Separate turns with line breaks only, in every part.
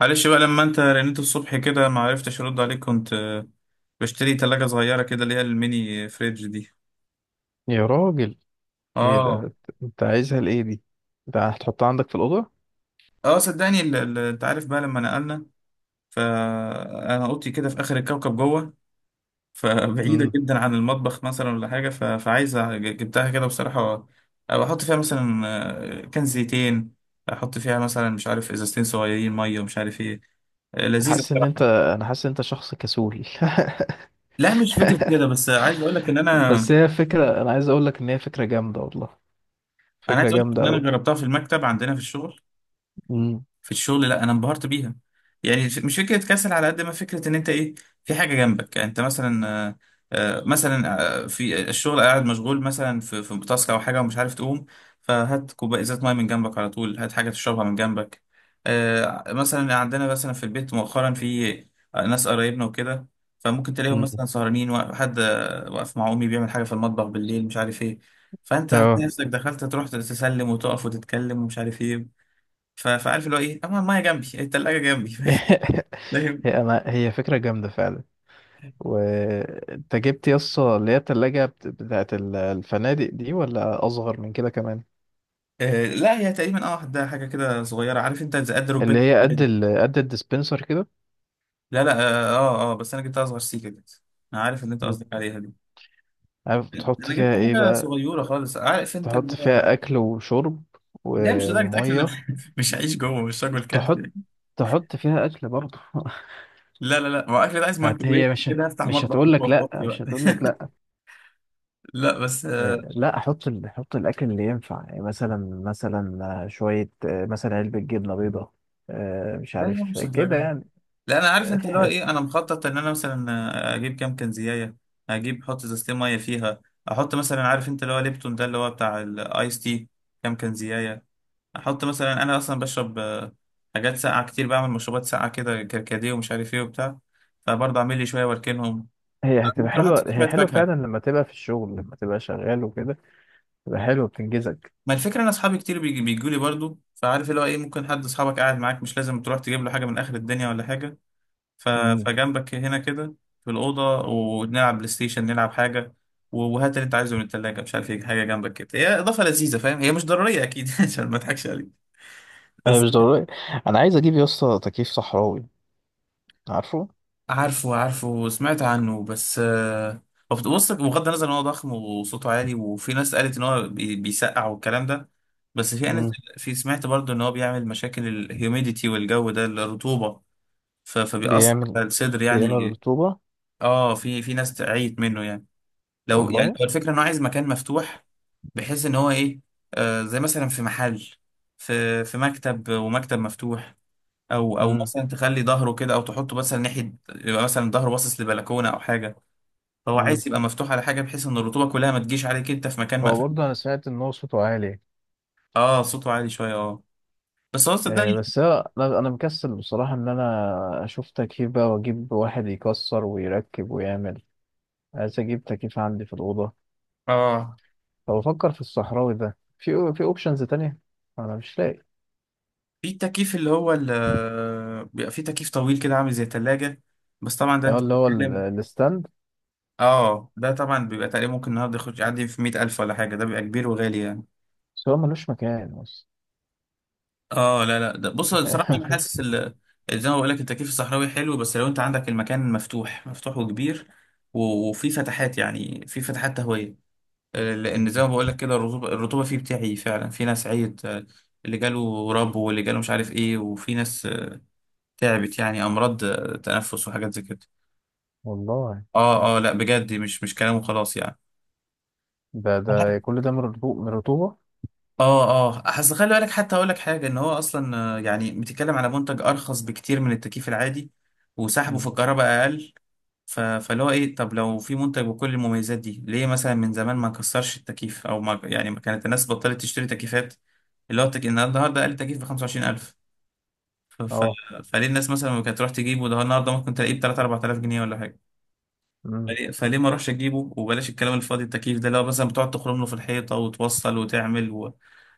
معلش بقى لما انت رنيت الصبح كده ما عرفتش ارد عليك كنت بشتري تلاجة صغيرة كده اللي هي الميني فريج دي.
يا راجل، ايه
اه،
ده؟ انت عايزها لايه دي؟ ده هتحطها عندك في الاوضه؟
اه، صدقني انت عارف بقى لما نقلنا، فانا اوضتي كده في اخر الكوكب جوه، فبعيدة
امم.
جدا عن المطبخ مثلا ولا حاجة، فعايزة جبتها كده بصراحة. احط فيها مثلا كان زيتين، احط فيها مثلا مش عارف ازازتين صغيرين مية ومش عارف ايه. لذيذة
حاسس ان انت
بصراحة.
انا حاسس ان انت شخص كسول.
لا، مش فكرة كده، بس عايز اقول لك ان انا
بس هي فكره، انا عايز اقول لك ان هي فكره جامده والله.
انا
فكره
عايز اقول لك
جامده
ان انا
قوي.
جربتها في المكتب عندنا في الشغل.
امم.
لا انا انبهرت بيها. يعني مش فكره كسل على قد ما فكره ان انت ايه في حاجه جنبك. يعني انت مثلا مثلا في الشغل قاعد مشغول مثلا في تاسك او حاجه ومش عارف تقوم، فهات كوبايه، ازازه ميه من جنبك على طول، هات حاجه تشربها من جنبك. مثلا عندنا مثلا في البيت مؤخرا في ناس قرايبنا وكده، فممكن تلاقيهم
أمم.
مثلا سهرانين، وحد واقف مع امي بيعمل حاجه في المطبخ بالليل مش عارف ايه، فانت هتلاقي
اه.
نفسك دخلت تروح تسلم وتقف وتتكلم ومش عارف ايه، فعارف اللي هو ايه، اما المايه جنبي، التلاجة جنبي. فاهم.
هي فكره جامده فعلا.
طيب.
وانت جبت يسطا اللي هي التلاجة بتاعت الفنادق دي ولا اصغر من كده كمان؟
آه، لا، هي تقريبا، اه، ده حاجة كده صغيرة، عارف انت زي قد
اللي
ركبتك.
هي قد الديسبنسر كده؟
لا لا، اه، اه، بس انا جبت اصغر سيكة كده، انا عارف اللي انت قصدك
مم.
عليها دي.
عارف بتحط
انا جبت
فيها ايه
حاجة
بقى؟
صغيرة خالص، عارف انت اللي
تحط
هو.
فيها اكل وشرب
لا، مش
و-
لدرجة اكل، انا
وميه
مش هعيش جوه، مش راجل كهف
تحط
يعني.
تحط فيها اكل برضه؟
لا لا لا، ما هو اكل ده عايز
هت
مايكرويف
هي مش
كده، هفتح
مش
مطبخ
هتقول لك
جوه
لا.
فاضي بقى؟
مش هتقول لك لا.
لا، بس
لا احط احط الاكل اللي ينفع، يعني مثلا مثلا، شويه، مثلا علبه جبنه بيضاء، مش
لا، هي
عارف
مش
كده
الدرجة.
يعني.
لا، انا عارف
آه،
انت اللي هو ايه،
حس-
انا مخطط ان انا مثلا اجيب كام كنزيايه، اجيب، احط ازازتين ميه فيها، احط مثلا، عارف انت اللي هو ليبتون ده اللي هو بتاع الايس تي، كام كنزيايه، احط مثلا، انا اصلا بشرب حاجات ساقعه كتير، بعمل مشروبات ساقعه كده، كركديه ومش عارف ايه وبتاع، فبرضه اعمل لي شويه واركنهم.
هي
أنا
هتبقى
ممكن احط
حلوه،
فيها
هي
شويه
حلوه
فاكهه.
فعلا لما تبقى في الشغل، لما تبقى شغال وكده. تبقى حلوه بتنجزك.
ما الفكره، انا اصحابي كتير بيجوا لي برضه، فعارف اللي هو ايه، ممكن حد اصحابك قاعد معاك مش لازم تروح تجيب له حاجه من اخر الدنيا ولا حاجه. ف...
امم.
فجنبك هنا كده في الأوضة، ونلعب بلاي ستيشن، نلعب حاجة، وهات اللي أنت عايزه من التلاجة مش عارف إيه، حاجة جنبك كده. هي إضافة لذيذة، فاهم، هي مش ضرورية أكيد عشان ما أضحكش عليك،
انا
بس.
مش ضروري. انا عايز اجيب يا اسطى تكييف صحراوي. عارفه؟
عارفه، عارفه، سمعت عنه، بس هو بص، بغض النظر إن هو ضخم وصوته عالي وفي ناس قالت إن هو بيسقع والكلام ده، بس في، أنا،
امم.
في، سمعت برضه إن هو بيعمل مشاكل الهيوميديتي والجو ده، الرطوبة، فبيأثر
بيعمل
على الصدر
بيعمل
يعني.
رطوبة؟
اه، في ناس تعيت منه يعني. لو يعني
والله.
هو الفكرة انه عايز مكان مفتوح، بحيث ان هو ايه، آه، زي مثلا في محل، في مكتب، ومكتب مفتوح، او او
امم.
مثلا تخلي ظهره كده، او تحطه مثلا ناحية، يبقى مثلا ظهره باصص لبلكونة او حاجة، فهو
امم.
عايز يبقى مفتوح على حاجة، بحيث ان الرطوبة كلها ما تجيش عليك انت في مكان
هو
مقفول.
برضه انا سمعت ان هو صوته عالي.
اه، صوته عالي شوية، اه، بس هو صدقني.
بس انا مكسل بصراحه، ان انا اشوف تكييف بقى واجيب واحد يكسر ويركب ويعمل. عايز اجيب تكييف عندي في الاوضه،
اه،
فبفكر في الصحراوي ده، في اوبشنز تانية. انا مش لاقي.
في التكييف اللي هو بيبقى في تكييف طويل كده عامل زي تلاجة، بس طبعا ده
هو
انت
اللي هو
بتتكلم.
الستاند.
اه، ده طبعا بيبقى تقريبا ممكن النهارده يخش يعدي في 100,000 ولا حاجة، ده بيبقى كبير وغالي يعني.
بس هو ملوش مكان بس.
اه، لا لا، ده بص، بصراحة أنا حاسس زي ما بقول لك، التكييف الصحراوي حلو، بس لو أنت عندك المكان مفتوح مفتوح وكبير، وفي فتحات، يعني في فتحات تهوية، لأن زي ما بقول لك كده، الرطوبة، الرطوبة فيه بتاعي، فعلا في ناس عيت، اللي جاله رب واللي جاله مش عارف إيه، وفي ناس تعبت يعني، أمراض تنفس وحاجات زي كده.
والله.
اه، اه، لا بجد، مش كلام وخلاص يعني.
ده كل ده من من الرطوبه.
اه، اه، اصل خلي بالك، حتى اقول لك حاجه، ان هو اصلا يعني بتتكلم على منتج ارخص بكتير من التكييف العادي، وسحبه في
مم.
الكهرباء اقل. فاللي هو ايه، طب لو في منتج بكل المميزات دي، ليه مثلا من زمان ما كسرش التكييف، او ما يعني، ما كانت الناس بطلت تشتري تكييفات، اللي هو إن النهارده اقل تكييف ب 25,000؟ ف... ف...
اه.
فليه الناس مثلا ما كانت تروح تجيبه، ده النهارده ممكن تلاقيه ب 3 4000 جنيه ولا حاجه؟ فليه ما اروحش اجيبه، وبلاش الكلام الفاضي، التكييف ده اللي هو مثلا بتقعد تخرم له في الحيطه وتوصل وتعمل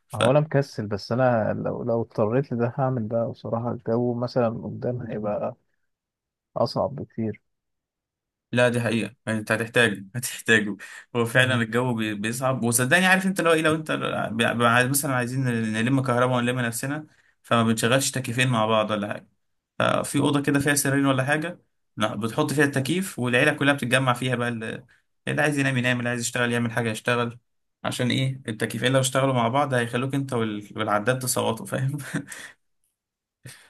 ف...
هو انا مكسل، بس انا لو اضطريت لده هعمل ده بصراحة. الجو مثلا قدام هيبقى اصعب بكتير.
لا، دي حقيقة يعني، انت هتحتاجه هتحتاجه. هو فعلا
مم.
الجو بيصعب، وصدقني عارف انت لو ايه، لو انت مثلا عايزين نلم كهرباء ونلم نفسنا، فما بنشغلش تكييفين مع بعض ولا حاجة، ففي أوضة كده فيها سريرين ولا حاجة، لا، بتحط فيها التكييف والعيلة كلها بتتجمع فيها بقى، اللي عايز ينام ينام، اللي عايز يشتغل يعمل حاجة يشتغل. عشان ايه؟ التكييفين لو اشتغلوا مع بعض هيخلوك انت والعداد تصوتوا، فاهم؟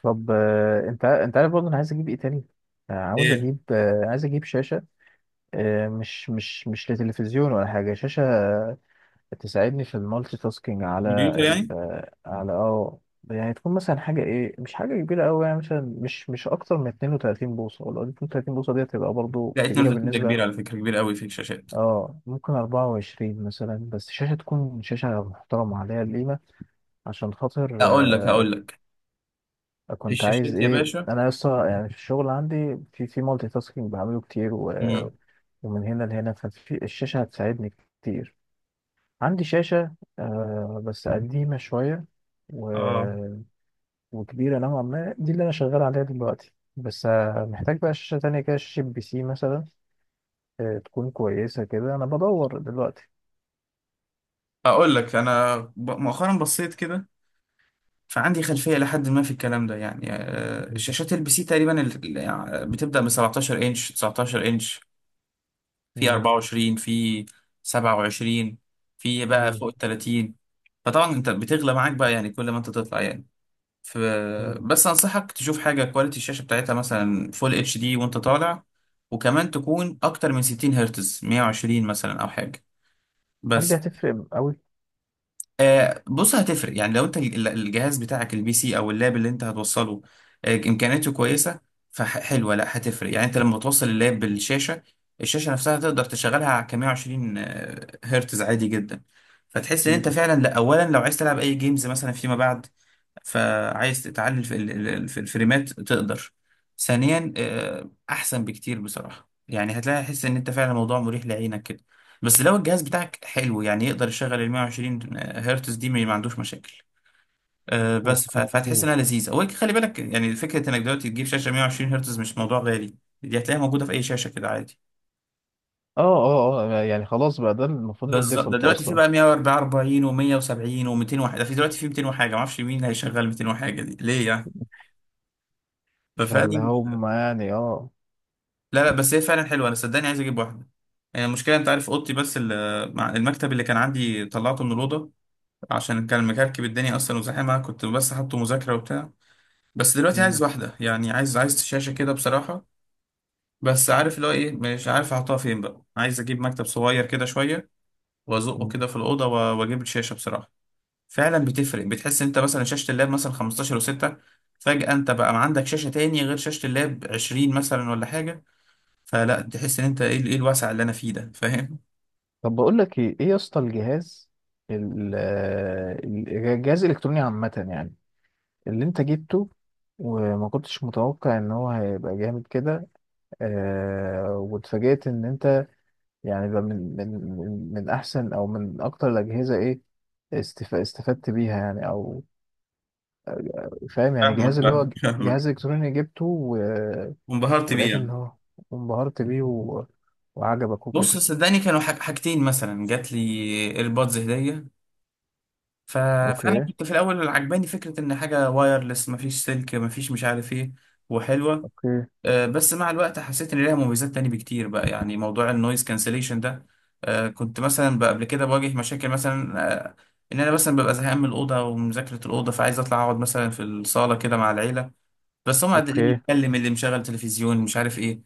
طب، انت عارف برضه، انا عايز اجيب ايه تاني؟ عاوز
ايه؟
اجيب، عايز اجيب شاشة. مش لتلفزيون ولا حاجة، شاشة، تساعدني في المالتي تاسكينج على
كمبيوتر
ال
يعني.
آه، على اه. يعني تكون مثلا حاجة ايه، مش حاجة كبيرة قوي، يعني مثلا مش اكتر من 32 بوصة، ولا 32 بوصة دي هتبقى برضه
لا،
كبيرة
32 ده
بالنسبة.
كبير على فكرة، كبير قوي في الشاشات.
اه، ممكن 24 مثلا، بس شاشة، تكون شاشة محترمة عليها القيمة، عشان خاطر.
هقول لك،
آه.
هقول لك في
كنت عايز
الشاشات يا
ايه،
باشا.
أنا لسه يعني في الشغل عندي في مالتي تاسكينج بعمله كتير
مم.
ومن هنا لهنا. ففي الشاشة هتساعدني كتير. عندي شاشة آه بس قديمة شوية و...
اه،
وكبيرة نوعا ما، دي اللي أنا شغال عليها دلوقتي، بس آه محتاج بقى شاشة تانية كده، شاشة بي سي مثلا، آه تكون كويسة كده، أنا بدور دلوقتي.
اقول لك، انا مؤخرا بصيت كده، فعندي خلفيه لحد ما في الكلام ده، يعني
مم.
شاشات البي سي تقريبا يعني بتبدا من 17 انش، 19 انش، في 24، في 27، في بقى
مم.
فوق ال 30. فطبعا انت بتغلى معاك بقى يعني كل ما انت تطلع يعني، ف
مم.
بس انصحك تشوف حاجه كواليتي، الشاشه بتاعتها مثلا فول اتش دي وانت طالع، وكمان تكون اكتر من 60 هرتز، 120 مثلا او حاجه،
هل دي
بس.
هتفرق قوي؟
بص هتفرق، يعني لو انت الجهاز بتاعك البي سي او اللاب اللي انت هتوصله امكانياته كويسه، فحلوه، لا هتفرق. يعني انت لما توصل اللاب
مم.
بالشاشه، الشاشه نفسها تقدر تشغلها على 120 هرتز عادي جدا، فتحس ان
مم.
انت فعلا، لا، اولا لو عايز تلعب اي جيمز مثلا فيما بعد، فعايز تعلي في في الفريمات تقدر، ثانيا احسن بكتير بصراحه، يعني هتلاقي حس ان انت فعلا الموضوع مريح لعينك، بس لو الجهاز بتاعك حلو يعني يقدر يشغل ال 120 هرتز دي، ما عندوش مشاكل. بس
اوكي.
فهتحس انها لذيذه. وخلي بالك، يعني فكره انك دلوقتي تجيب شاشه 120 هرتز مش موضوع غالي، دي هتلاقيها موجوده في اي شاشه كده عادي.
اه اه اه، يعني خلاص بقى، ده المفروض
بالظبط، ده
الديفولت
دلوقتي في
اصلا.
بقى 144 و170 و200 وحاجه، ده في دلوقتي في 200 وحاجه، ما اعرفش مين هيشغل 200 وحاجه دي ليه يعني.
ده اللي
ففعلا،
هم يعني اه.
لا لا، بس هي فعلا حلوه، انا صدقني عايز اجيب واحده، يعني المشكله، انت عارف اوضتي، بس المكتب اللي كان عندي طلعته من الاوضه، عشان كان مكركب الدنيا اصلا وزحمه، كنت بس حاطه مذاكره وبتاع. بس دلوقتي عايز
مم.
واحده، يعني عايز، عايز شاشه كده بصراحه، بس عارف اللي هو ايه، مش عارف احطها فين بقى، عايز اجيب مكتب صغير كده شويه وازقه
مم.
كده في الاوضه، واجيب الشاشه بصراحه. فعلا بتفرق، بتحس انت مثلا شاشه اللاب مثلا 15 و6، فجاه انت بقى ما عندك شاشه تاني غير شاشه اللاب 20 مثلا ولا حاجه، فلا، تحس ان انت ايه ايه الوسع اللي انا فيه ده، فاهم؟
طب بقول لك ايه، يا اسطى، الجهاز، الجهاز الالكتروني عامه يعني، اللي انت جبته، وما كنتش متوقع ان هو هيبقى جامد كده، آه واتفاجئت ان انت، يعني بقى من احسن او من اكتر الاجهزه ايه، استفدت بيها يعني، او فاهم؟ يعني
فاهمك،
جهاز اللي هو
فاهمك، فاهمك.
جهاز الكتروني جبته
وانبهرت بيه
ولقيت ان
يعني.
هو انبهرت بيه وعجبك
بص،
وكده.
صدقني، كانوا حاجتين مثلا جات لي، ايربودز هديه، ف... فانا
اوكي.
كنت في الاول عجباني فكره ان حاجه وايرلس، مفيش سلك، مفيش مش عارف ايه، وحلوه.
اوكي.
بس مع الوقت حسيت ان ليها مميزات تاني بكتير بقى، يعني موضوع النويز كانسليشن ده، كنت مثلا بقى قبل كده بواجه مشاكل مثلا، آه، ان انا مثلا ببقى زهقان من الاوضه ومذاكره الاوضه، فعايز اطلع اقعد مثلا في الصاله كده مع العيله، بس هم اللي
اوكي.
بيتكلم، اللي مشغل تلفزيون مش عارف ايه،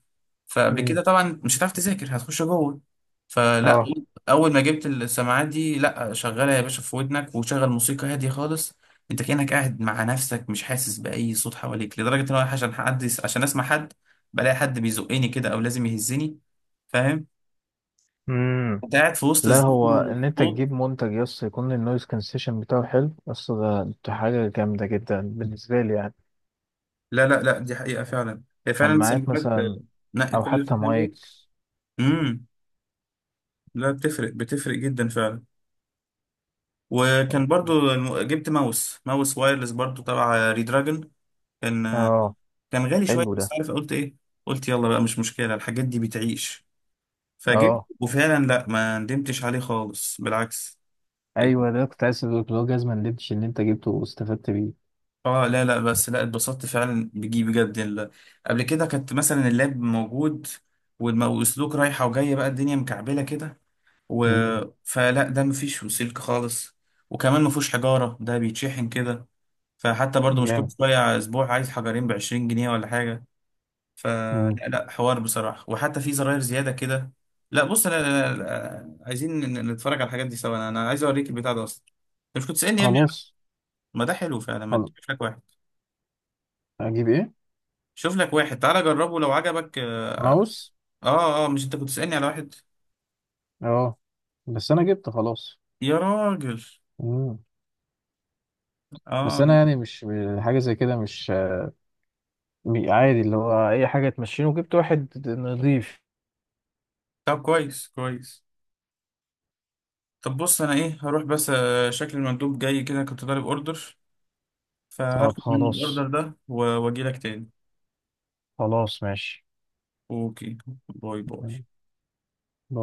فقبل
مم.
كده طبعا مش هتعرف تذاكر، هتخش جوه، فلا،
اه.
اول ما جبت السماعات دي، لا، شغلها يا باشا في ودنك وشغل موسيقى هاديه خالص، انت كانك قاعد مع نفسك، مش حاسس باي صوت حواليك، لدرجه ان انا عشان حد، عشان اسمع حد، بلاقي حد بيزقني كده او لازم يهزني، فاهم؟
امم.
انت قاعد في وسط
لا،
الزحمه
هو ان انت
والصوت.
تجيب منتج يس يكون النويز كانسيشن بتاعه حلو، بس ده حاجه جامده جدا بالنسبه لي يعني.
لا لا لا، دي حقيقه فعلا، هي فعلا
سماعات
السماعات
مثلا،
نقي،
او
كواليتي
حتى
حلوه.
مايك.
امم. لا، بتفرق، بتفرق جدا فعلا. وكان برضو جبت ماوس وايرلس برضو تبع ريدراجون. كان
اه.
كان غالي شوية،
حلو
بس
ده.
عارف قلت ايه؟ قلت يلا بقى، مش مشكلة، الحاجات دي بتعيش، فجبت.
اه
وفعلا لا، ما ندمتش عليه خالص، بالعكس.
ايوه، ده كنت عايز اقول لك، اللي هو جزمه اللبش اللي انت جبته واستفدت بيه.
اه، لا لا، بس لا، اتبسطت فعلا بجي، بجد. قبل كده كانت مثلا اللاب موجود، والسلوك رايحة وجاية بقى، الدنيا مكعبلة كده، و...
مم.
فلا، ده مفيش سلك خالص، وكمان مفهوش حجارة، ده بيتشحن كده، فحتى برضو مش كل
جامد.
شوية، أسبوع، عايز حجرين بعشرين جنيه ولا حاجة. فلا
مم.
لا لا، حوار بصراحة، وحتى في زراير زيادة كده. لا بص، لا لا لا، عايزين نتفرج على الحاجات دي سوا، أنا عايز أوريك البتاع ده أصلا، أنت مش كنت تسألني يا ابني؟
خلاص.
ما ده حلو فعلا، ما تشوف لك واحد،
اجيب ايه؟
شوف لك واحد، تعالى جربه لو عجبك.
ماوس؟
آه، آه، مش أنت كنت تسألني على واحد؟
اه بس انا جبت خلاص.
يا راجل.
مم. بس
آه.
انا يعني مش، حاجه زي كده مش، عادي، اللي هو اي حاجه تمشيني وجبت واحد نضيف.
طب كويس، كويس. طب بص، أنا إيه، هروح بس، شكل المندوب جاي كده، كنت طالب أوردر،
طب
فهاخد منه الأوردر
خلاص.
ده وأجيلك تاني.
خلاص ماشي.
اوكي. باي باي.
مم.